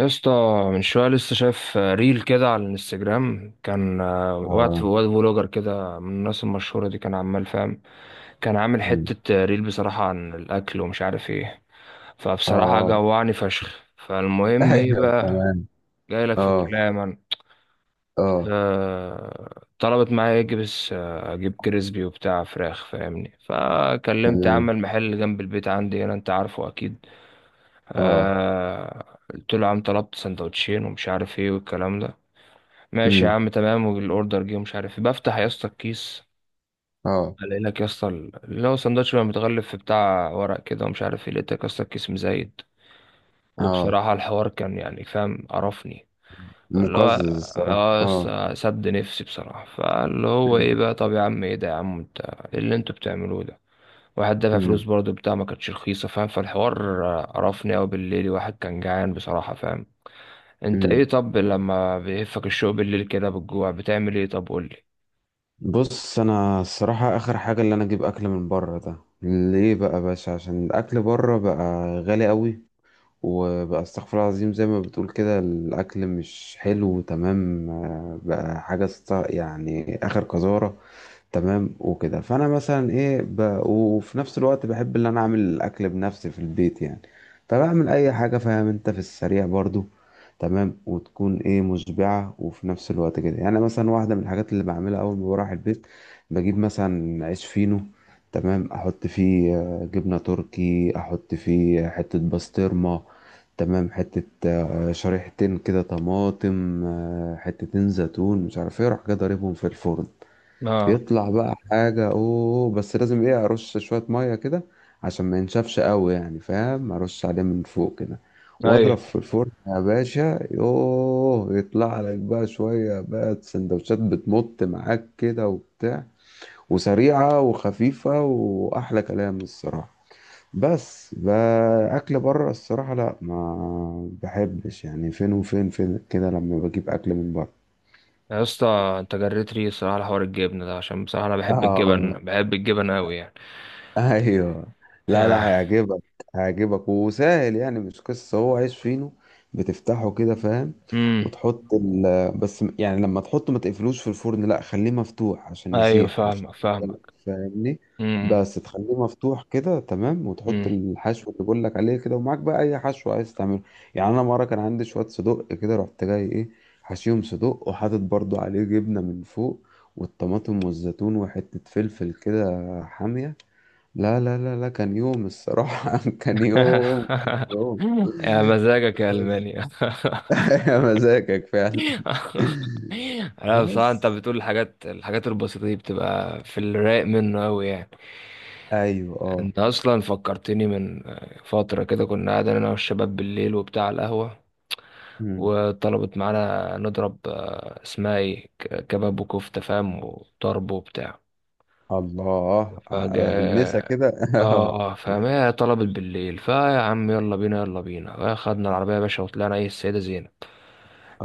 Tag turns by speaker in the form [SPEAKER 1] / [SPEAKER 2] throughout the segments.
[SPEAKER 1] يا اسطى من شويه لسه شايف ريل كده على الانستجرام كان وقت
[SPEAKER 2] اه.
[SPEAKER 1] واد فلوجر كده من الناس المشهوره دي كان عمال فاهم. كان عامل
[SPEAKER 2] مم.
[SPEAKER 1] حته ريل بصراحه عن الاكل ومش عارف ايه. فبصراحه
[SPEAKER 2] اه.
[SPEAKER 1] جوعني فشخ. فالمهم ايه
[SPEAKER 2] ايوه،
[SPEAKER 1] بقى،
[SPEAKER 2] تمام.
[SPEAKER 1] جاي لك في
[SPEAKER 2] اه.
[SPEAKER 1] الكلام انا.
[SPEAKER 2] اه.
[SPEAKER 1] طلبت معايا اجيب اجيب كريسبي وبتاع فراخ فاهمني، فكلمت عم
[SPEAKER 2] تمام.
[SPEAKER 1] المحل جنب البيت عندي هنا انت عارفه اكيد.
[SPEAKER 2] اه.
[SPEAKER 1] قلت له يا عم طلبت سندوتشين ومش عارف ايه والكلام ده، ماشي يا
[SPEAKER 2] امم.
[SPEAKER 1] عم تمام. والاوردر جه ومش عارف إيه. بفتح يا اسطى الكيس،
[SPEAKER 2] اه.
[SPEAKER 1] الاقي لك يا اسطى اللي هو سندوتش بقى متغلف في بتاع ورق كده ومش عارف ايه، لقيتك يا اسطى الكيس مزايد.
[SPEAKER 2] اه.
[SPEAKER 1] وبصراحة الحوار كان يعني فاهم قرفني، اللي هو
[SPEAKER 2] مقزز الصراحه،
[SPEAKER 1] اه يا
[SPEAKER 2] اه.
[SPEAKER 1] اسطى سد نفسي بصراحة. فاللي هو ايه
[SPEAKER 2] امم،
[SPEAKER 1] بقى، طب يا عم ايه ده يا عم، انت ايه اللي انتوا بتعملوه ده؟ واحد دافع فلوس
[SPEAKER 2] امم،
[SPEAKER 1] برضه بتاع، ما كانتش رخيصة فاهم. فالحوار قرفني أوي بالليل، واحد كان جعان بصراحة فاهم. انت
[SPEAKER 2] امم.
[SPEAKER 1] ايه، طب لما بيهفك الشوق بالليل كده بالجوع بتعمل ايه؟ طب قولي.
[SPEAKER 2] بص، انا الصراحه اخر حاجه اللي انا اجيب اكل من بره ده، ليه بقى يا باشا؟ عشان الاكل بره بقى غالي قوي. وبقى استغفر الله العظيم، زي ما بتقول كده الاكل مش حلو، تمام. بقى حاجه يعني اخر قذاره. تمام، وكده فانا مثلا ايه وفي نفس الوقت بحب ان انا اعمل الاكل بنفسي في البيت، يعني. فبعمل اي حاجه، فاهم انت، في السريع برضو. تمام، وتكون ايه مشبعه، وفي نفس الوقت كده يعني، مثلا واحده من الحاجات اللي بعملها اول ما بروح البيت، بجيب مثلا عيش فينو. تمام، احط فيه جبنه تركي، احط فيه حته بسطرمه. تمام، حتة شريحتين كده طماطم، حتتين زيتون، مش عارف ايه، اروح كده ضاربهم في الفرن.
[SPEAKER 1] اه،
[SPEAKER 2] يطلع بقى حاجة اوه، بس لازم ايه ارش شوية مية كده، عشان ما ينشفش قوي يعني، فاهم، ارش عليه من فوق كده.
[SPEAKER 1] ايوه.
[SPEAKER 2] واضرب في الفرن يا باشا، يوه، يطلع لك بقى شوية بقى سندوتشات بتمط معاك كده وبتاع، وسريعة وخفيفة، واحلى كلام الصراحة. بس بقى اكل بره، الصراحة لا، ما بحبش يعني، فين وفين فين كده لما بجيب اكل من بره.
[SPEAKER 1] يا اسطى، انت جريت ري الصراحه على حوار الجبنه ده، عشان بصراحه انا بحب الجبن،
[SPEAKER 2] اه.
[SPEAKER 1] بحب الجبن قوي يعني.
[SPEAKER 2] ايوه. لا لا،
[SPEAKER 1] آه.
[SPEAKER 2] هيعجبك. هيعجبك وسهل، يعني مش قصه، هو عيش فينو، بتفتحه كده، فاهم.
[SPEAKER 1] امم.
[SPEAKER 2] وتحط ال، بس يعني لما تحطه ما تقفلوش في الفرن، لا خليه مفتوح عشان
[SPEAKER 1] ايوه،
[SPEAKER 2] يسيح، عشان
[SPEAKER 1] فاهمك فاهمك.
[SPEAKER 2] فاهمني.
[SPEAKER 1] امم.
[SPEAKER 2] بس تخليه مفتوح كده، تمام، وتحط
[SPEAKER 1] امم.
[SPEAKER 2] الحشو اللي بقول لك عليه كده، ومعاك بقى اي حشو عايز تعمله. يعني انا مره كان عندي شويه صدق كده، رحت جاي ايه، حشيهم صدق، وحاطط برضو عليه جبنه من فوق، والطماطم والزيتون وحته فلفل كده، حاميه. لا لا لا لا، كان يوم الصراحة. كان يوم، كان يوم.
[SPEAKER 1] يا مزاجك يا
[SPEAKER 2] بس.
[SPEAKER 1] المانيا.
[SPEAKER 2] يا مزاجك فعلا.
[SPEAKER 1] لا بصراحه، انت
[SPEAKER 2] بس.
[SPEAKER 1] بتقول الحاجات، الحاجات البسيطه دي بتبقى في الرايق منه قوي يعني.
[SPEAKER 2] ايوه، اه.
[SPEAKER 1] انت اصلا فكرتني من فتره كده، كنا قاعدين انا والشباب بالليل وبتاع على القهوه،
[SPEAKER 2] مم.
[SPEAKER 1] وطلبت معانا نضرب اسمها ايه كباب وكفتة فاهم وطرب وبتاع،
[SPEAKER 2] الله،
[SPEAKER 1] فجا.
[SPEAKER 2] المسا كده.
[SPEAKER 1] اه
[SPEAKER 2] اه.
[SPEAKER 1] اه فاهم، هي طلبت بالليل. فيا عم يلا بينا يلا بينا، خدنا العربية يا باشا وطلعنا ايه السيدة زينب.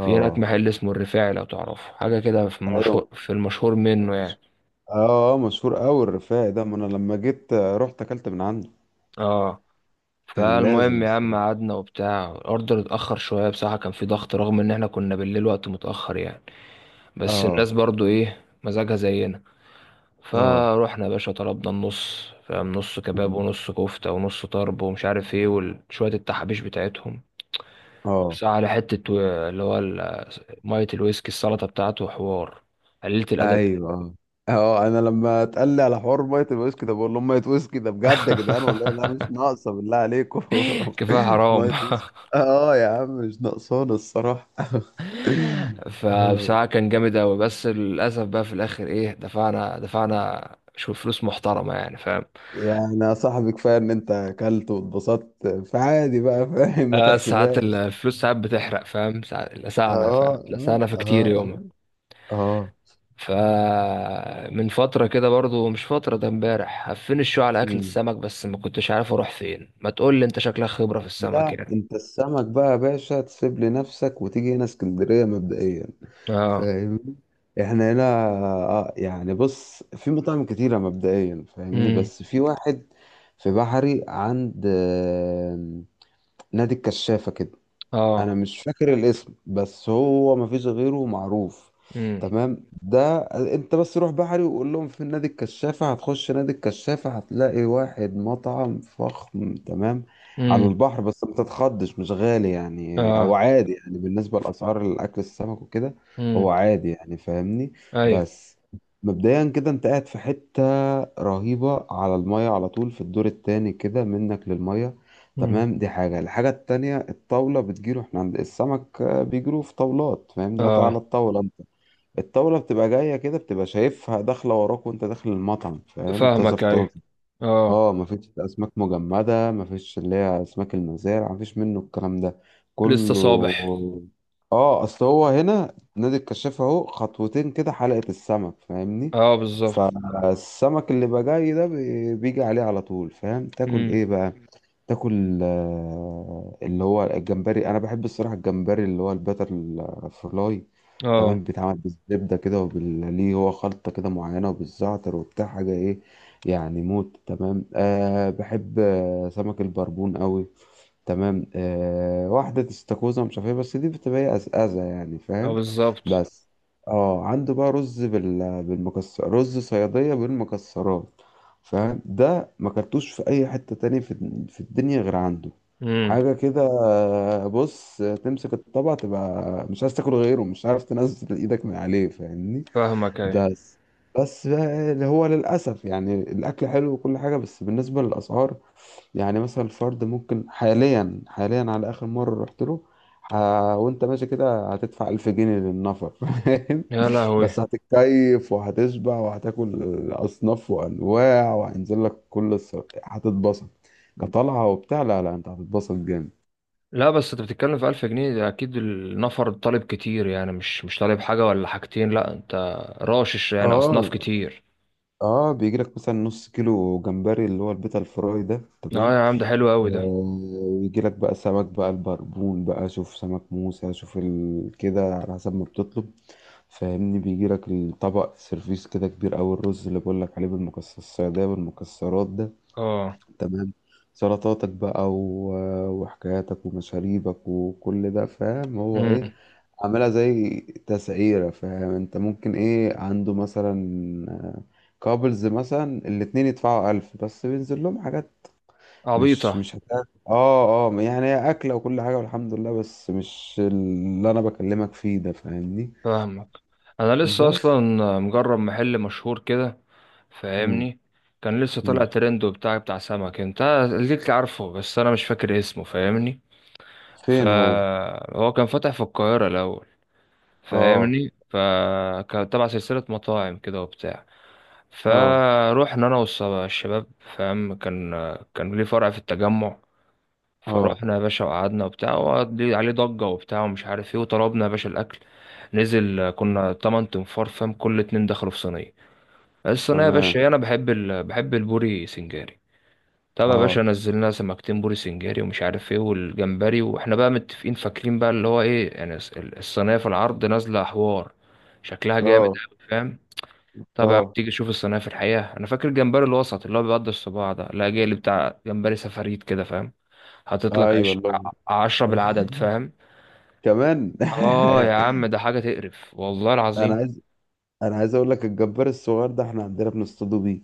[SPEAKER 1] في هناك محل اسمه الرفاعي لو تعرفه، حاجة كده في
[SPEAKER 2] ايوه.
[SPEAKER 1] المشهور، في المشهور منه يعني.
[SPEAKER 2] مش- اه، مشهور قوي الرفاعي ده، ما انا لما جيت رحت اكلت من عنده.
[SPEAKER 1] اه.
[SPEAKER 2] كان لازم
[SPEAKER 1] فالمهم يا عم
[SPEAKER 2] الصراحة.
[SPEAKER 1] قعدنا وبتاع، الاوردر اتأخر شوية بصراحة، كان في ضغط رغم ان احنا كنا بالليل وقت متأخر يعني. بس الناس
[SPEAKER 2] اه.
[SPEAKER 1] برضو ايه مزاجها زينا.
[SPEAKER 2] اه.
[SPEAKER 1] فروحنا يا باشا طلبنا النص فاهم، نص كباب
[SPEAKER 2] مم.
[SPEAKER 1] ونص كفتة ونص طرب ومش عارف ايه وشوية التحابيش بتاعتهم.
[SPEAKER 2] اه.
[SPEAKER 1] بس على حتة اللي هو ال- مية الويسكي السلطة بتاعته حوار قليلة الأدب.
[SPEAKER 2] ايوه. اه، انا لما اتقال لي على حوار ميه الويسكي ده، بقول لهم ميه ويسكي ده بجد يا جدعان، والله لا مش ناقصه، بالله عليكم.
[SPEAKER 1] كفاية حرام.
[SPEAKER 2] ميه ويسكي، اه يا عم مش ناقصانا الصراحه. آه،
[SPEAKER 1] فبصراحة كان جامد أوي، بس للأسف بقى في الآخر إيه، دفعنا شو فلوس محترمة يعني فاهم.
[SPEAKER 2] يعني يا صاحبي كفايه ان انت اكلت واتبسطت، فعادي بقى، فاهم، ما
[SPEAKER 1] آه، ساعات
[SPEAKER 2] تحسبهاش.
[SPEAKER 1] الفلوس ساعات بتحرق فاهم، ساعات لسعنا فاهم،
[SPEAKER 2] اه. اه.
[SPEAKER 1] لسعنا في كتير
[SPEAKER 2] اه.
[SPEAKER 1] يومها.
[SPEAKER 2] اه. اه.
[SPEAKER 1] فمن فترة كده برضو، مش فترة، ده امبارح، هفين الشو على أكلة
[SPEAKER 2] مم.
[SPEAKER 1] السمك، بس ما كنتش عارف أروح فين. ما تقول لي أنت شكلك خبرة في السمك
[SPEAKER 2] لا،
[SPEAKER 1] يعني.
[SPEAKER 2] انت السمك بقى يا باشا تسيب لنفسك، وتيجي هنا اسكندريه مبدئيا،
[SPEAKER 1] اه.
[SPEAKER 2] فاهمني. احنا هنا يعني، بص في مطاعم كتيرة مبدئيا، فاهمني،
[SPEAKER 1] امم.
[SPEAKER 2] بس في واحد في بحري، عند نادي الكشافة كده.
[SPEAKER 1] اه.
[SPEAKER 2] انا مش فاكر الاسم، بس هو مفيش غيره معروف.
[SPEAKER 1] امم.
[SPEAKER 2] تمام. ده، انت بس روح بحري، وقول لهم في نادي الكشافة، هتخش نادي الكشافة هتلاقي واحد مطعم فخم، تمام، على
[SPEAKER 1] امم.
[SPEAKER 2] البحر. بس ما تتخضش، مش غالي يعني، او
[SPEAKER 1] اه.
[SPEAKER 2] عادي يعني بالنسبة لأسعار الأكل السمك وكده.
[SPEAKER 1] امم.
[SPEAKER 2] هو عادي يعني، فاهمني.
[SPEAKER 1] ايوه.
[SPEAKER 2] بس، مبدئيا كده انت قاعد في حتة رهيبة، على المية على طول، في الدور التاني كده منك للمية.
[SPEAKER 1] امم.
[SPEAKER 2] تمام، دي حاجة. الحاجة التانية، الطاولة بتجيله، احنا عند السمك بيجيله في طاولات، فاهمني، قاطع على
[SPEAKER 1] اه،
[SPEAKER 2] الطاولة انت. الطاولة بتبقى جاية كده، بتبقى شايفها داخلة وراك وانت داخل المطعم، فاهم، طازة
[SPEAKER 1] فاهمك
[SPEAKER 2] في
[SPEAKER 1] ايوه.
[SPEAKER 2] طازة.
[SPEAKER 1] اه،
[SPEAKER 2] اه، مفيش أسماك مجمدة، مفيش اللي هي أسماك المزارع، مفيش منه الكلام ده
[SPEAKER 1] لسه
[SPEAKER 2] كله.
[SPEAKER 1] صابح.
[SPEAKER 2] اه، اصل هو هنا نادي الكشاف اهو خطوتين كده حلقة السمك، فاهمني.
[SPEAKER 1] اه بالظبط.
[SPEAKER 2] فالسمك اللي بقى جاي ده، بيجي عليه على طول، فاهم، تاكل
[SPEAKER 1] امم.
[SPEAKER 2] ايه بقى؟ تاكل اللي هو الجمبري، انا بحب الصراحه الجمبري اللي هو البتر فلاي.
[SPEAKER 1] اه
[SPEAKER 2] تمام، بيتعمل بالزبده كده، وبال ليه هو خلطه كده معينه، وبالزعتر وبتاع حاجه ايه، يعني موت. تمام. أه بحب سمك البربون قوي. تمام، واحدة استاكوزا مش عارف ايه، بس دي بتبقى أزأزة يعني،
[SPEAKER 1] اه
[SPEAKER 2] فاهم.
[SPEAKER 1] بالظبط.
[SPEAKER 2] بس، اه، عنده بقى رز بالمكسر، رز صيادية بالمكسرات، فاهم، ده ما كلتوش في أي حتة تاني في الدنيا غير عنده.
[SPEAKER 1] امم،
[SPEAKER 2] حاجة كده. بص، تمسك الطبق تبقى مش عايز تاكل غيره، مش عارف تنزل ايدك من عليه، فاهمني.
[SPEAKER 1] فاهمك ايوه.
[SPEAKER 2] بس بس بقى، اللي هو للأسف يعني الأكل حلو وكل حاجة، بس بالنسبة للأسعار، يعني مثلا الفرد ممكن، حاليا حاليا، على آخر مرة رحت له، ه... وأنت ماشي كده هتدفع 1000 جنيه للنفر. فاهم،
[SPEAKER 1] يا
[SPEAKER 2] بس
[SPEAKER 1] لهوي.
[SPEAKER 2] هتتكيف وهتشبع وهتاكل أصناف وأنواع، وهينزل لك كل هتتبسط كطلعة وبتاع، لا لا أنت هتتبسط جامد.
[SPEAKER 1] لا بس انت بتتكلم في 1000 جنيه ده اكيد النفر طالب كتير يعني، مش طالب حاجة ولا حاجتين، لا انت راشش يعني اصناف
[SPEAKER 2] اه،
[SPEAKER 1] كتير.
[SPEAKER 2] اه، بيجي لك مثلا نص كيلو جمبري اللي هو البيتا الفراي ده،
[SPEAKER 1] اه
[SPEAKER 2] تمام.
[SPEAKER 1] يا عم ده حلو قوي ده.
[SPEAKER 2] ويجي لك بقى السمك بقى، البربون بقى، شوف سمك موسى، شوف كده على حسب ما بتطلب، فاهمني. بيجي لك الطبق سيرفيس كده كبير أوي، الرز اللي بقول لك عليه بالمكسرات السعودية، بالمكسرات ده،
[SPEAKER 1] اه.
[SPEAKER 2] تمام. سلطاتك بقى و... آه، وحكاياتك ومشاريبك وكل ده، فاهم هو
[SPEAKER 1] امم.
[SPEAKER 2] ايه، عاملها زي تسعيرة، فاهم، انت ممكن ايه عنده مثلا آه، كابلز مثلا، الاتنين يدفعوا 1000 بس بينزل لهم حاجات، مش
[SPEAKER 1] عبيطة.
[SPEAKER 2] مش هتاكل، اه اه، يعني هي اكله وكل حاجه والحمد لله، بس مش اللي انا بكلمك فيه ده، فاهمني.
[SPEAKER 1] فاهمك. انا لسه
[SPEAKER 2] بس.
[SPEAKER 1] اصلا مجرب محل مشهور كده
[SPEAKER 2] مم.
[SPEAKER 1] فاهمني، كان لسه طالع
[SPEAKER 2] مم.
[SPEAKER 1] ترند وبتاع، بتاع سمك انت ليك عارفه، بس انا مش فاكر اسمه فاهمني.
[SPEAKER 2] فين هو؟
[SPEAKER 1] فهو كان فاتح في القاهرة الاول
[SPEAKER 2] اه.
[SPEAKER 1] فاهمني، فكان تبع سلسلة مطاعم كده وبتاع.
[SPEAKER 2] اه.
[SPEAKER 1] فروحنا انا والشباب فاهم، كان كان ليه فرع في التجمع.
[SPEAKER 2] اه.
[SPEAKER 1] فروحنا يا باشا وقعدنا وبتاع، وقضي عليه ضجة وبتاع ومش عارف ايه، وطلبنا يا باشا الاكل، نزل.
[SPEAKER 2] مم.
[SPEAKER 1] كنا تمن تنفار فاهم، كل اتنين دخلوا في صينية. الصينية يا
[SPEAKER 2] تمام.
[SPEAKER 1] باشا، انا بحب بحب البوري سنجاري. طب يا باشا
[SPEAKER 2] اه.
[SPEAKER 1] نزلنا سمكتين بوري سنجاري ومش عارف ايه والجمبري، واحنا بقى متفقين فاكرين بقى اللي هو ايه يعني، الصينية في العرض نازلة حوار، شكلها جامد
[SPEAKER 2] اه.
[SPEAKER 1] أوي فاهم. طبعا
[SPEAKER 2] اه.
[SPEAKER 1] تيجي تشوف الصينية في الحقيقة، أنا فاكر الجمبري الوسط اللي هو بيقضي الصباع ده، لا جاي اللي بتاع جمبري سفاريت كده فاهم، حاطط لك
[SPEAKER 2] ايوه والله.
[SPEAKER 1] عشرة بالعدد فاهم.
[SPEAKER 2] كمان.
[SPEAKER 1] آه يا عم ده حاجة تقرف والله
[SPEAKER 2] انا
[SPEAKER 1] العظيم.
[SPEAKER 2] عايز انا عايز اقول لك الجبار الصغير ده، احنا عندنا بنصطادوا بيه،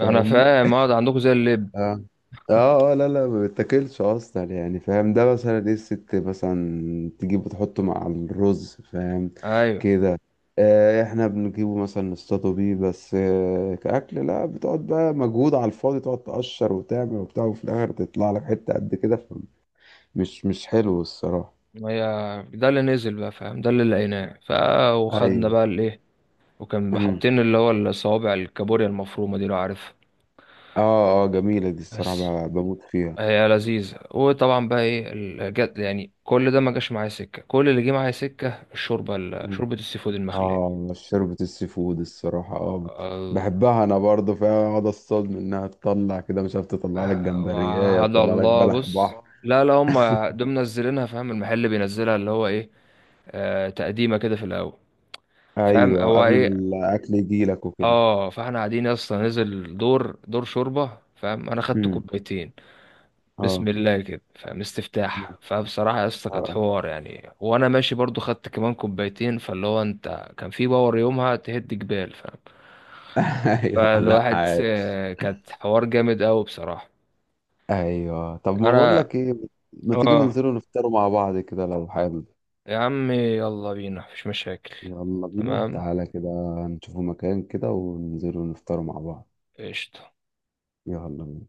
[SPEAKER 1] أنا فاهم، اه ده عندكم زي اللب.
[SPEAKER 2] اه. اه. اه. لا لا، ما بيتاكلش اصلا يعني، فاهم، ده مثلا ايه، الست مثلا تجيبه تحطه مع الرز، فاهم
[SPEAKER 1] أيوه.
[SPEAKER 2] كده. احنا بنجيبه مثلا نصطاده بيه بس، كأكل لا، بتقعد بقى مجهود على الفاضي، تقعد تقشر وتعمل وبتاع، وفي الاخر تطلع لك حتة قد كده، مش حلو الصراحة.
[SPEAKER 1] ما هي ده اللي نزل بقى فاهم، ده اللي لقيناه، ف وخدنا
[SPEAKER 2] ايوه.
[SPEAKER 1] بقى الإيه، وكان
[SPEAKER 2] امم.
[SPEAKER 1] حاطين اللي هو الصوابع الكابوريا المفرومة دي لو عارفها.
[SPEAKER 2] اه. اه، جميلة دي الصراحة،
[SPEAKER 1] بس
[SPEAKER 2] بموت فيها.
[SPEAKER 1] هي لذيذة. وطبعا بقى ايه جت يعني، كل ده ما جاش معايا سكة، كل اللي جه معايا سكة الشوربة، شوربة السي فود المخلية.
[SPEAKER 2] اه، شوربة السي فود الصراحة اه،
[SPEAKER 1] آه،
[SPEAKER 2] بحبها انا برضو، فيها اقعد اصطاد منها تطلع كده مش عارف، تطلع لك جمبرية،
[SPEAKER 1] وعد
[SPEAKER 2] تطلع لك
[SPEAKER 1] الله
[SPEAKER 2] بلح
[SPEAKER 1] بص،
[SPEAKER 2] بحر.
[SPEAKER 1] لا لا هم دول منزلينها فاهم، المحل بينزلها اللي هو ايه، آه تقديمة كده في الأول فاهم
[SPEAKER 2] ايوه،
[SPEAKER 1] هو
[SPEAKER 2] قبل ما
[SPEAKER 1] ايه.
[SPEAKER 2] الاكل يجي لك وكده.
[SPEAKER 1] اه، فاحنا قاعدين يا اسطى، نزل دور دور شوربة فاهم، انا خدت
[SPEAKER 2] امم.
[SPEAKER 1] كوبايتين، بسم
[SPEAKER 2] اه.
[SPEAKER 1] الله كده فاهم، استفتاح.
[SPEAKER 2] مم.
[SPEAKER 1] فبصراحة يا اسطى كانت
[SPEAKER 2] اه.
[SPEAKER 1] حوار يعني، وانا ماشي برضو خدت كمان كوبايتين، فاللي هو انت كان في باور يومها تهد جبال فاهم.
[SPEAKER 2] ايوه، لا
[SPEAKER 1] فالواحد
[SPEAKER 2] عايش.
[SPEAKER 1] كانت حوار جامد قوي بصراحة.
[SPEAKER 2] ايوه، طب ما بقول
[SPEAKER 1] انا
[SPEAKER 2] لك ايه، ما تيجي
[SPEAKER 1] اه،
[SPEAKER 2] ننزلوا نفطروا مع بعض كده، لو حابب.
[SPEAKER 1] يا عمي يلا بينا مفيش مشاكل.
[SPEAKER 2] يلا بينا،
[SPEAKER 1] تمام،
[SPEAKER 2] تعالى كده، نشوفوا مكان كده وننزلوا نفطروا مع بعض.
[SPEAKER 1] قشطة.
[SPEAKER 2] يلا بينا.